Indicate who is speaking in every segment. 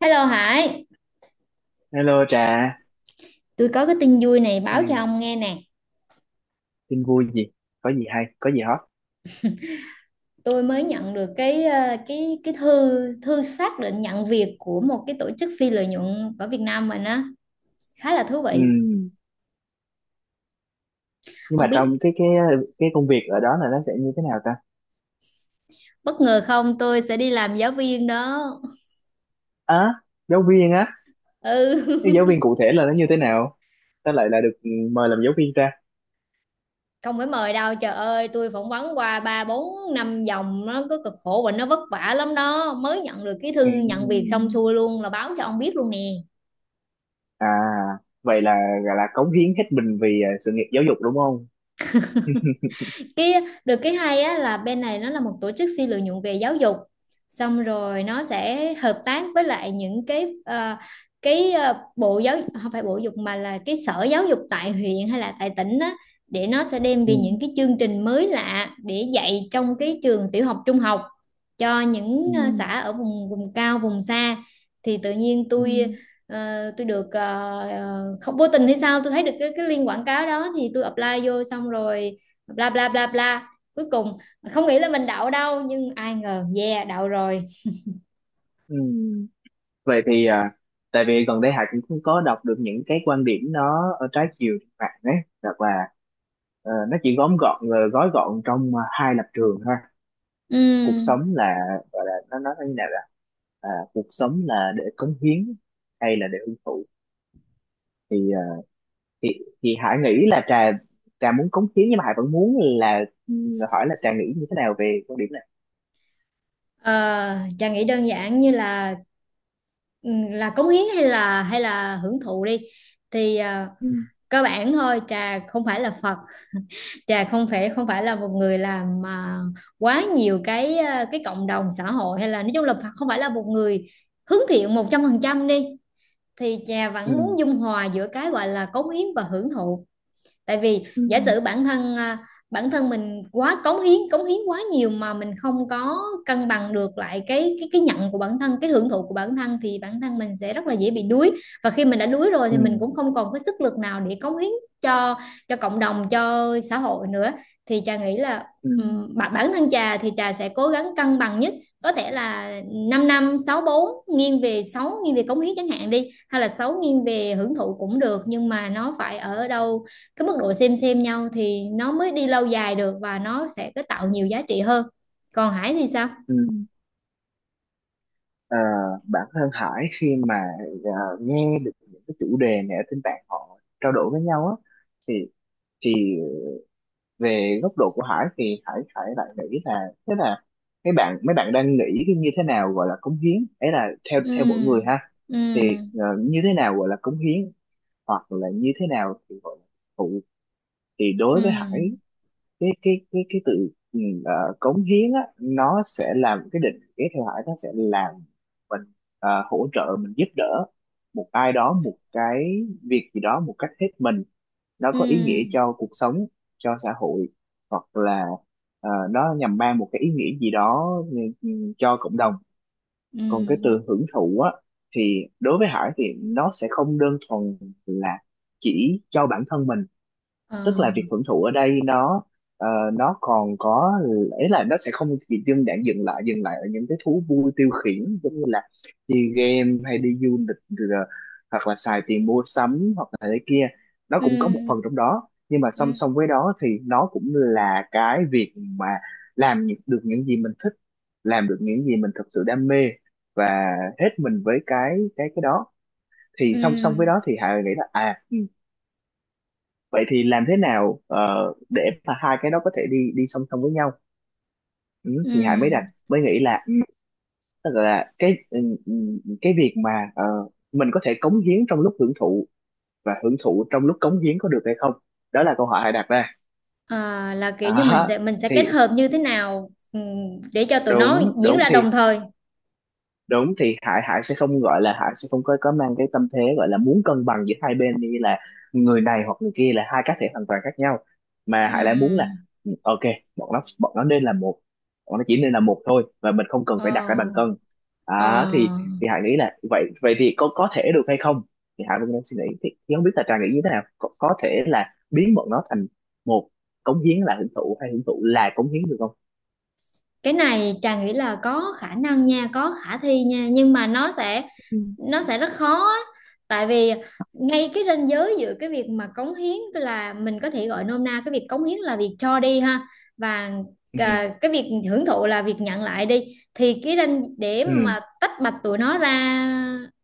Speaker 1: Hello Hải,
Speaker 2: Hello Trà,
Speaker 1: tôi có cái tin vui này
Speaker 2: à,
Speaker 1: báo cho ông nghe nè.
Speaker 2: tin vui gì? Có gì hay? Có gì hot?
Speaker 1: Tôi mới nhận được cái ờ, cái thư thư xác định nhận việc của một cái tổ chức phi lợi nhuận ở Việt Nam mình á, khá là thú
Speaker 2: Ừ.
Speaker 1: vị.
Speaker 2: Ừ. Nhưng mà
Speaker 1: Ông biết
Speaker 2: trong cái công việc ở đó là nó sẽ như thế nào ta?
Speaker 1: bất ngờ không, tôi sẽ đi làm giáo viên đó.
Speaker 2: À, giáo viên á,
Speaker 1: Ừ,
Speaker 2: cái giáo viên cụ thể là nó như thế nào? Ta lại là được mời làm giáo viên ta.
Speaker 1: không phải mời đâu. Trời ơi, tôi phỏng vấn qua ba bốn năm vòng nó có cực khổ và nó vất vả lắm đó. Mới nhận được cái
Speaker 2: Ừ.
Speaker 1: thư nhận việc xong xuôi luôn là báo cho ông biết luôn nè.
Speaker 2: À, vậy là gọi là cống hiến hết mình vì sự nghiệp giáo dục đúng không?
Speaker 1: cái Được cái hay á là bên này nó là một tổ chức phi lợi nhuận về giáo dục, xong rồi nó sẽ hợp tác với lại những cái bộ giáo không phải bộ dục mà là cái sở giáo dục tại huyện hay là tại tỉnh á, để nó sẽ đem về những cái chương trình mới lạ để dạy trong cái trường tiểu học trung học cho những xã ở vùng vùng cao vùng xa. Thì tự nhiên
Speaker 2: Ừ.
Speaker 1: tôi được không vô tình hay sao tôi thấy được cái link quảng cáo đó thì tôi apply vô xong rồi bla bla bla bla, cuối cùng không nghĩ là mình đậu đâu nhưng ai ngờ yeah đậu rồi.
Speaker 2: Ừ. Ừ. Ừ. Vậy thì, tại vì gần đây Hải cũng không có đọc được những cái quan điểm nó ở trái chiều trên mạng ấy, hoặc là nó chỉ gói gọn trong hai lập trường thôi. Cuộc sống
Speaker 1: Ừm,
Speaker 2: là, gọi là, nó nói như nào là, cuộc sống là để cống hiến hay là để hưởng thụ? Thì à, thì thì Hải nghĩ là Trà Trà muốn cống hiến, nhưng mà Hải vẫn muốn là, ừ, hỏi là Trà nghĩ như thế nào về quan điểm này.
Speaker 1: ờ, Trà nghĩ đơn giản như là cống hiến hay là hưởng thụ đi thì
Speaker 2: Ừ.
Speaker 1: cơ bản thôi. Trà không phải là Phật, Trà không phải là một người làm mà quá nhiều cái cộng đồng xã hội hay là nói chung là Phật không phải là một người hướng thiện 100% đi, thì Trà
Speaker 2: Ừ.
Speaker 1: vẫn muốn dung hòa giữa cái gọi là cống hiến và hưởng thụ. Tại vì
Speaker 2: Ừ.
Speaker 1: giả sử bản thân mình quá cống hiến quá nhiều mà mình không có cân bằng được lại cái nhận của bản thân, cái hưởng thụ của bản thân thì bản thân mình sẽ rất là dễ bị đuối, và khi mình đã đuối rồi
Speaker 2: Ừ.
Speaker 1: thì mình cũng không còn cái sức lực nào để cống hiến cho cho cộng đồng cho xã hội nữa. Thì trà nghĩ là
Speaker 2: Ừ. Ừ.
Speaker 1: bản bản thân trà thì trà sẽ cố gắng cân bằng nhất có thể là 5 năm 6 bốn, nghiêng về 6 nghiêng về cống hiến chẳng hạn đi hay là 6 nghiêng về hưởng thụ cũng được, nhưng mà nó phải ở đâu cái mức độ xem nhau thì nó mới đi lâu dài được và nó sẽ có tạo nhiều giá trị hơn. Còn Hải thì sao?
Speaker 2: Ừ. Ờ, bản thân Hải khi mà nghe được những cái chủ đề này ở trên mạng họ trao đổi với nhau á, thì thì về góc độ của Hải thì Hải Hải lại nghĩ là thế là mấy bạn đang nghĩ cái như thế nào gọi là cống hiến ấy là theo theo mỗi người
Speaker 1: Ừ.
Speaker 2: ha.
Speaker 1: Ừ.
Speaker 2: Thì như thế nào gọi là cống hiến, hoặc là như thế nào thì gọi là phụ, thì đối với Hải,
Speaker 1: Ừ.
Speaker 2: cái tự, ừ, cống hiến á, nó sẽ làm cái định nghĩa theo Hải nó sẽ làm mình hỗ trợ mình, giúp đỡ một ai đó, một cái việc gì đó một cách hết mình, nó
Speaker 1: Ừ.
Speaker 2: có ý nghĩa cho cuộc sống, cho xã hội, hoặc là nó nhằm mang một cái ý nghĩa gì đó, cho cộng đồng.
Speaker 1: Ừ.
Speaker 2: Còn cái từ hưởng thụ á, thì đối với Hải thì nó sẽ không đơn thuần là chỉ cho bản thân mình.
Speaker 1: Ờ.
Speaker 2: Tức là việc hưởng thụ ở đây nó ờ, nó còn có, ấy là nó sẽ không chỉ đơn giản dừng lại ở những cái thú vui tiêu khiển, giống như là chơi game hay đi du lịch rồi, hoặc là xài tiền mua sắm, hoặc là thế kia. Nó
Speaker 1: Ừ.
Speaker 2: cũng có một phần trong đó, nhưng mà song
Speaker 1: Ừ.
Speaker 2: song với đó thì nó cũng là cái việc mà được những gì mình thích, làm được những gì mình thật sự đam mê và hết mình với cái đó. Thì
Speaker 1: Ừ.
Speaker 2: song song với đó thì Hà nghĩ là vậy thì làm thế nào để mà hai cái đó có thể đi đi song song với nhau. Ừ, thì Hải
Speaker 1: Ừ.
Speaker 2: mới nghĩ là, Ừ. tức là cái, ừ, cái việc mà mình có thể cống hiến trong lúc hưởng thụ và hưởng thụ trong lúc cống hiến, có được hay không? Đó là câu hỏi Hải đặt ra.
Speaker 1: Ờ, là kiểu như mình
Speaker 2: Đó.
Speaker 1: sẽ mình sẽ kết
Speaker 2: Thì
Speaker 1: hợp như thế nào, để cho tụi nó
Speaker 2: đúng
Speaker 1: diễn ra đồng thời.
Speaker 2: đúng thì Hải Hải sẽ không gọi là, Hải sẽ không có mang cái tâm thế gọi là muốn cân bằng giữa hai bên, như là người này hoặc người kia là hai cá thể hoàn toàn khác nhau, mà Hải lại muốn là,
Speaker 1: Ừ.
Speaker 2: ừ, ok, bọn nó nên là một, bọn nó chỉ nên là một thôi, và mình không cần phải đặt ra
Speaker 1: Ờ.
Speaker 2: bàn cân.
Speaker 1: Ờ.
Speaker 2: Thì Hải nghĩ là vậy, vậy thì có thể được hay không, thì Hải vẫn đang suy nghĩ. Thì không biết là Trà nghĩ như thế nào, có thể là biến bọn nó thành một, cống hiến là hưởng thụ hay hưởng thụ là cống hiến, được không?
Speaker 1: Cái này Trà nghĩ là có khả năng nha, có khả thi nha, nhưng mà nó sẽ
Speaker 2: Ừ.
Speaker 1: nó sẽ rất khó á. Tại vì ngay cái ranh giới giữa cái việc mà cống hiến, tức là mình có thể gọi nôm na cái việc cống hiến là việc cho đi ha, và
Speaker 2: Ừ.
Speaker 1: à, cái việc hưởng thụ là việc nhận lại đi, thì cái ranh để
Speaker 2: Ừ.
Speaker 1: mà tách bạch tụi nó ra,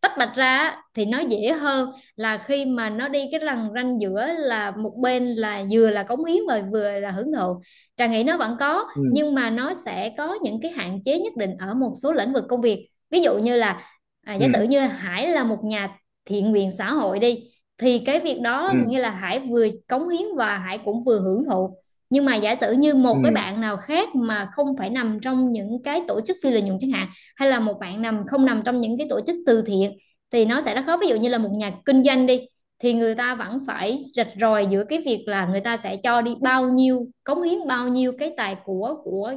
Speaker 1: tách bạch ra á, thì nó dễ hơn là khi mà nó đi cái lằn ranh giữa là một bên là vừa là cống hiến và vừa là hưởng thụ. Trà nghĩ nó vẫn có
Speaker 2: Ừ.
Speaker 1: nhưng mà nó sẽ có những cái hạn chế nhất định ở một số lĩnh vực công việc, ví dụ như là giả
Speaker 2: Ừ.
Speaker 1: sử như Hải là một nhà thiện nguyện xã hội đi thì cái việc đó
Speaker 2: Ừ.
Speaker 1: như là Hải vừa cống hiến và Hải cũng vừa hưởng thụ. Nhưng mà giả sử như một cái
Speaker 2: Ừ.
Speaker 1: bạn nào khác mà không phải nằm trong những cái tổ chức phi lợi nhuận chẳng hạn, hay là một bạn nằm không nằm trong những cái tổ chức từ thiện thì nó sẽ rất khó, ví dụ như là một nhà kinh doanh đi thì người ta vẫn phải rạch ròi giữa cái việc là người ta sẽ cho đi bao nhiêu, cống hiến bao nhiêu cái tài của của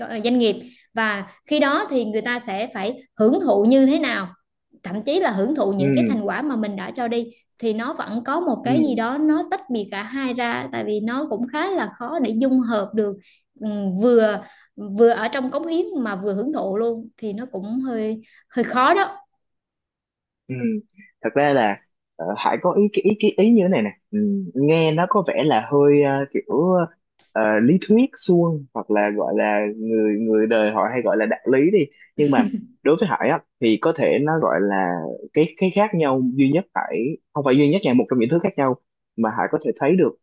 Speaker 1: ờ, doanh nghiệp, và khi đó thì người ta sẽ phải hưởng thụ như thế nào, thậm chí là hưởng thụ
Speaker 2: Ừ,
Speaker 1: những cái thành quả mà mình đã cho đi, thì nó vẫn có một
Speaker 2: ừ.
Speaker 1: cái gì đó nó tách biệt cả hai ra tại vì nó cũng khá là khó để dung hợp được. Vừa vừa ở trong cống hiến mà vừa hưởng thụ luôn thì nó cũng hơi hơi khó đó.
Speaker 2: Ừ. Thật ra là Hải có ý cái ý cái ý như thế này nè. Ừ. Nghe nó có vẻ là hơi kiểu lý thuyết suông, hoặc là gọi là người người đời họ hay gọi là đạo lý đi, nhưng mà đối với Hải á thì có thể nó gọi là cái khác nhau duy nhất Hải, không phải duy nhất nha, một trong những thứ khác nhau mà Hải có thể thấy được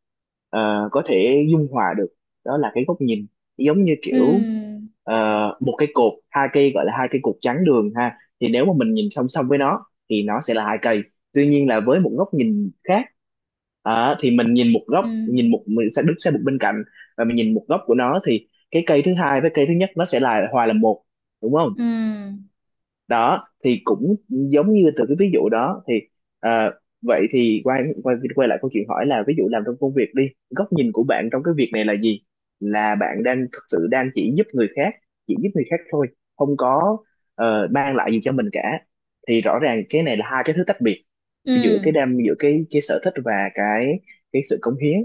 Speaker 2: có thể dung hòa được, đó là cái góc nhìn. Giống như kiểu
Speaker 1: Ừ.
Speaker 2: một cái cột, hai cây, gọi là hai cây cột trắng đường ha, thì nếu mà mình nhìn song song với nó thì nó sẽ là hai cây. Tuy nhiên là với một góc nhìn khác, Ờ, thì mình nhìn một góc,
Speaker 1: Ừ.
Speaker 2: nhìn một mình sẽ đứng sang một bên cạnh, và mình nhìn một góc của nó thì cái cây thứ hai với cây thứ nhất nó sẽ là hòa là một, đúng không?
Speaker 1: Ừ.
Speaker 2: Đó thì cũng giống như từ cái ví dụ đó thì ờ, vậy thì quay quay quay lại câu chuyện, hỏi là ví dụ làm trong công việc đi, góc nhìn của bạn trong cái việc này là gì? Là bạn đang thực sự đang chỉ giúp người khác, thôi, không có mang lại gì cho mình cả, thì rõ ràng cái này là hai cái thứ tách biệt giữa cái
Speaker 1: Ừm.
Speaker 2: đam giữa cái sở thích và cái sự cống hiến.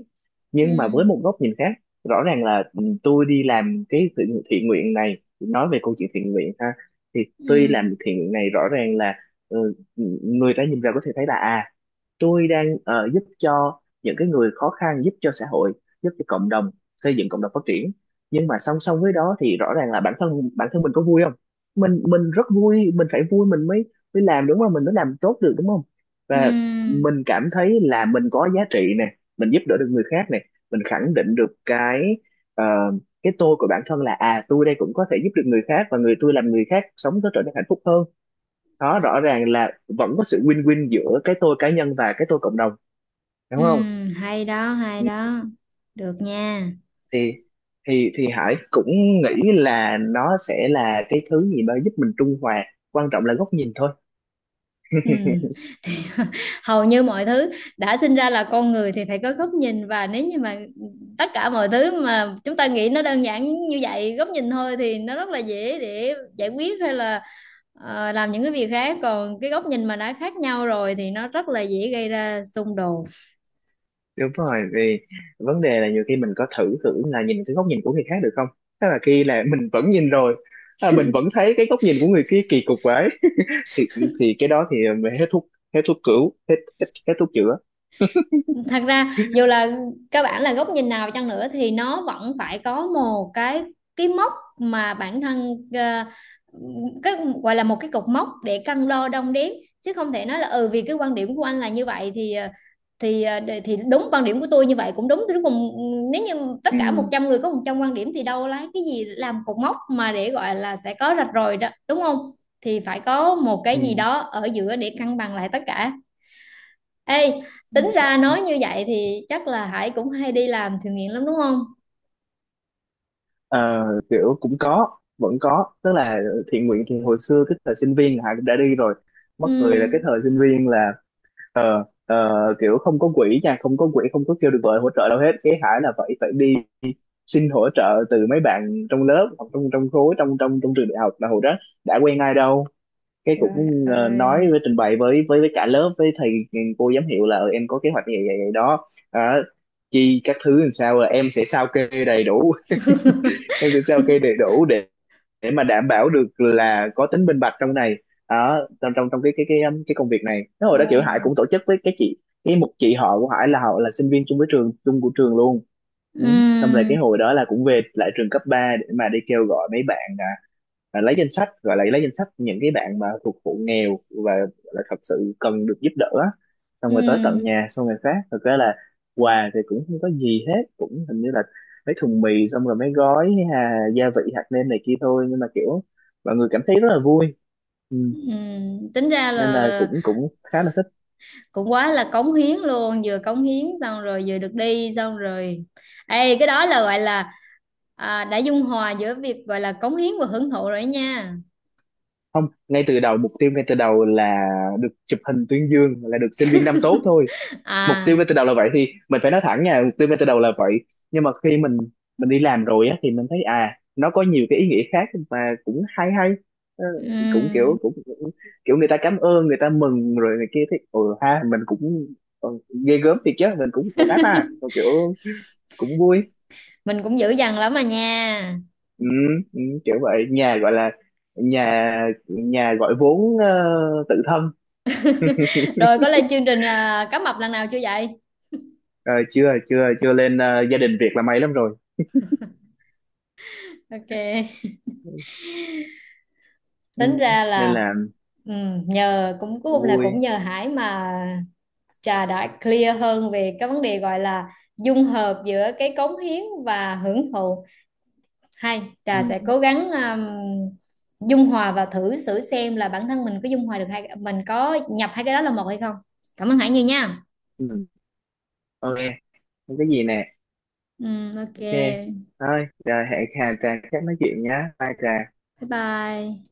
Speaker 2: Nhưng mà với
Speaker 1: Ừ.
Speaker 2: một góc nhìn khác, rõ ràng là, ừ, tôi đi làm cái thiện nguyện này, nói về câu chuyện thiện nguyện ha, thì tôi
Speaker 1: Ừ.
Speaker 2: làm thiện nguyện này rõ ràng là, ừ, người ta nhìn vào có thể thấy là à, tôi đang giúp cho những cái người khó khăn, giúp cho xã hội, giúp cho cộng đồng, xây dựng cộng đồng phát triển. Nhưng mà song song với đó thì rõ ràng là bản thân mình có vui không? Mình rất vui, mình phải vui mình mới, mới làm đúng không, mình mới làm tốt được đúng không? Và
Speaker 1: Ừ.
Speaker 2: mình cảm thấy là mình có giá trị nè, mình giúp đỡ được người khác nè, mình khẳng định được cái ờ, cái tôi của bản thân là, à tôi đây cũng có thể giúp được người khác, và người tôi làm người khác sống có trở nên hạnh phúc hơn. Đó, rõ ràng là vẫn có sự win-win giữa cái tôi cá nhân và cái tôi cộng đồng,
Speaker 1: Ừ.
Speaker 2: đúng không?
Speaker 1: Hay đó, hay
Speaker 2: Ừ,
Speaker 1: đó. Được nha.
Speaker 2: thì thì Hải cũng nghĩ là nó sẽ là cái thứ gì đó giúp mình trung hòa, quan trọng là góc nhìn thôi.
Speaker 1: Ừ. Hầu như mọi thứ đã sinh ra là con người thì phải có góc nhìn, và nếu như mà tất cả mọi thứ mà chúng ta nghĩ nó đơn giản như vậy, góc nhìn thôi, thì nó rất là dễ để giải quyết hay là làm những cái việc khác, còn cái góc nhìn mà đã khác nhau rồi thì nó rất là dễ gây ra xung đột.
Speaker 2: Đúng rồi, vì vấn đề là nhiều khi mình có thử thử là nhìn cái góc nhìn của người khác được không, tức là khi là mình vẫn nhìn rồi, à, mình vẫn thấy cái góc nhìn của người kia kỳ cục quá, thì thì cái đó thì mình hết thuốc, hết thuốc cứu, hết hết, hết thuốc chữa.
Speaker 1: Thật ra dù là các bạn là góc nhìn nào chăng nữa thì nó vẫn phải có một cái mốc mà bản thân cái gọi là một cái cột mốc để cân đo đong đếm, chứ không thể nói là ừ vì cái quan điểm của anh là như vậy thì thì đúng quan điểm của tôi như vậy cũng đúng, cuối cùng nếu như tất cả một
Speaker 2: Ừ.
Speaker 1: trăm người có 100 quan điểm thì đâu lấy cái gì làm cột mốc mà để gọi là sẽ có rạch ròi đó, đúng không? Thì phải có một cái gì
Speaker 2: Ừ.
Speaker 1: đó ở giữa để cân bằng lại tất cả. Ê, tính ra nói như vậy thì chắc là Hải cũng hay đi làm thiện nguyện lắm đúng không?
Speaker 2: Ờ, kiểu cũng có, vẫn có, tức là thiện nguyện thì hồi xưa cái thời sinh viên Hải cũng đã đi rồi.
Speaker 1: Ừ.
Speaker 2: Mắc cười là cái thời sinh viên là kiểu không có quỹ nha, không có quỹ, không có kêu được gọi hỗ trợ đâu hết, cái Hải là phải phải đi xin hỗ trợ từ mấy bạn trong lớp, hoặc trong trong khối, trong trong trong trường đại học, mà hồi đó đã quen ai đâu. Cái
Speaker 1: Trời
Speaker 2: cũng ờ,
Speaker 1: ơi.
Speaker 2: nói với trình bày với cả lớp, với thầy cô giám hiệu là "Ờ, em có kế hoạch như vậy vậy, vậy đó. Đó, chi các thứ làm sao, là em sẽ sao kê đầy đủ, em sẽ sao kê đầy đủ để mà đảm bảo được là có tính minh bạch trong này, ở trong trong trong cái công việc này." Nó hồi đó kiểu Hải
Speaker 1: Ồ.
Speaker 2: cũng tổ chức với cái chị cái một chị họ của Hải, là họ là sinh viên chung với trường, chung của trường luôn.
Speaker 1: Ừ.
Speaker 2: Ừ. Xong rồi cái hồi đó là cũng về lại trường cấp 3 để mà đi kêu gọi mấy bạn, lấy danh sách, gọi là lấy danh sách những cái bạn mà thuộc hộ nghèo và là thật sự cần được giúp đỡ á. Xong
Speaker 1: Ừ.
Speaker 2: rồi tới tận nhà xong rồi phát, thực ra là quà thì cũng không có gì hết, cũng hình như là mấy thùng mì, xong rồi mấy gói gia vị hạt nêm này kia thôi, nhưng mà kiểu mọi người cảm thấy rất là vui. Ừ.
Speaker 1: Ừ. Tính ra là
Speaker 2: Nên là cũng cũng khá là thích.
Speaker 1: cũng quá là cống hiến luôn, vừa cống hiến xong rồi vừa được đi xong rồi. Ê, cái đó là gọi là đã dung hòa giữa việc gọi là cống hiến và hưởng thụ rồi đó nha.
Speaker 2: Không, ngay từ đầu, mục tiêu ngay từ đầu là được chụp hình tuyên dương, là được sinh viên năm tốt thôi. Mục
Speaker 1: À,
Speaker 2: tiêu ngay từ đầu là vậy, thì mình phải nói thẳng nha, mục tiêu ngay từ đầu là vậy. Nhưng mà khi mình đi làm rồi á, thì mình thấy à nó có nhiều cái ý nghĩa khác mà cũng hay hay. Ờ,
Speaker 1: ừm,
Speaker 2: cũng kiểu người ta cảm ơn, người ta mừng rồi này kia, thấy ừ ha, mình cũng ờ, ghê gớm thiệt chứ, mình cũng ổn áp ha. Rồi kiểu cũng vui.
Speaker 1: mình cũng dữ dằn lắm mà nha.
Speaker 2: ừ, Kiểu vậy, nhà gọi là nhà nhà gọi vốn tự thân.
Speaker 1: Rồi có lên chương trình cá mập lần nào chưa vậy?
Speaker 2: Ờ, chưa chưa chưa lên, gia đình Việt là may lắm rồi.
Speaker 1: Ok.
Speaker 2: Ừ,
Speaker 1: Tính ra
Speaker 2: nên
Speaker 1: là
Speaker 2: là
Speaker 1: nhờ cũng cuối cùng là cũng
Speaker 2: vui.
Speaker 1: nhờ Hải mà Trà đã clear hơn về cái vấn đề gọi là dung hợp giữa cái cống hiến và hưởng thụ, hay Trà sẽ
Speaker 2: Ừ.
Speaker 1: cố gắng dung hòa và thử thử xem là bản thân mình có dung hòa được hay mình có nhập hai cái đó là một hay không. Cảm ơn Hải nhiều nha.
Speaker 2: Ừ. Ok. Không có gì nè.
Speaker 1: Ok,
Speaker 2: Ok,
Speaker 1: bye
Speaker 2: thôi rồi hẹn trà chắc nói chuyện nhá, bye trà.
Speaker 1: bye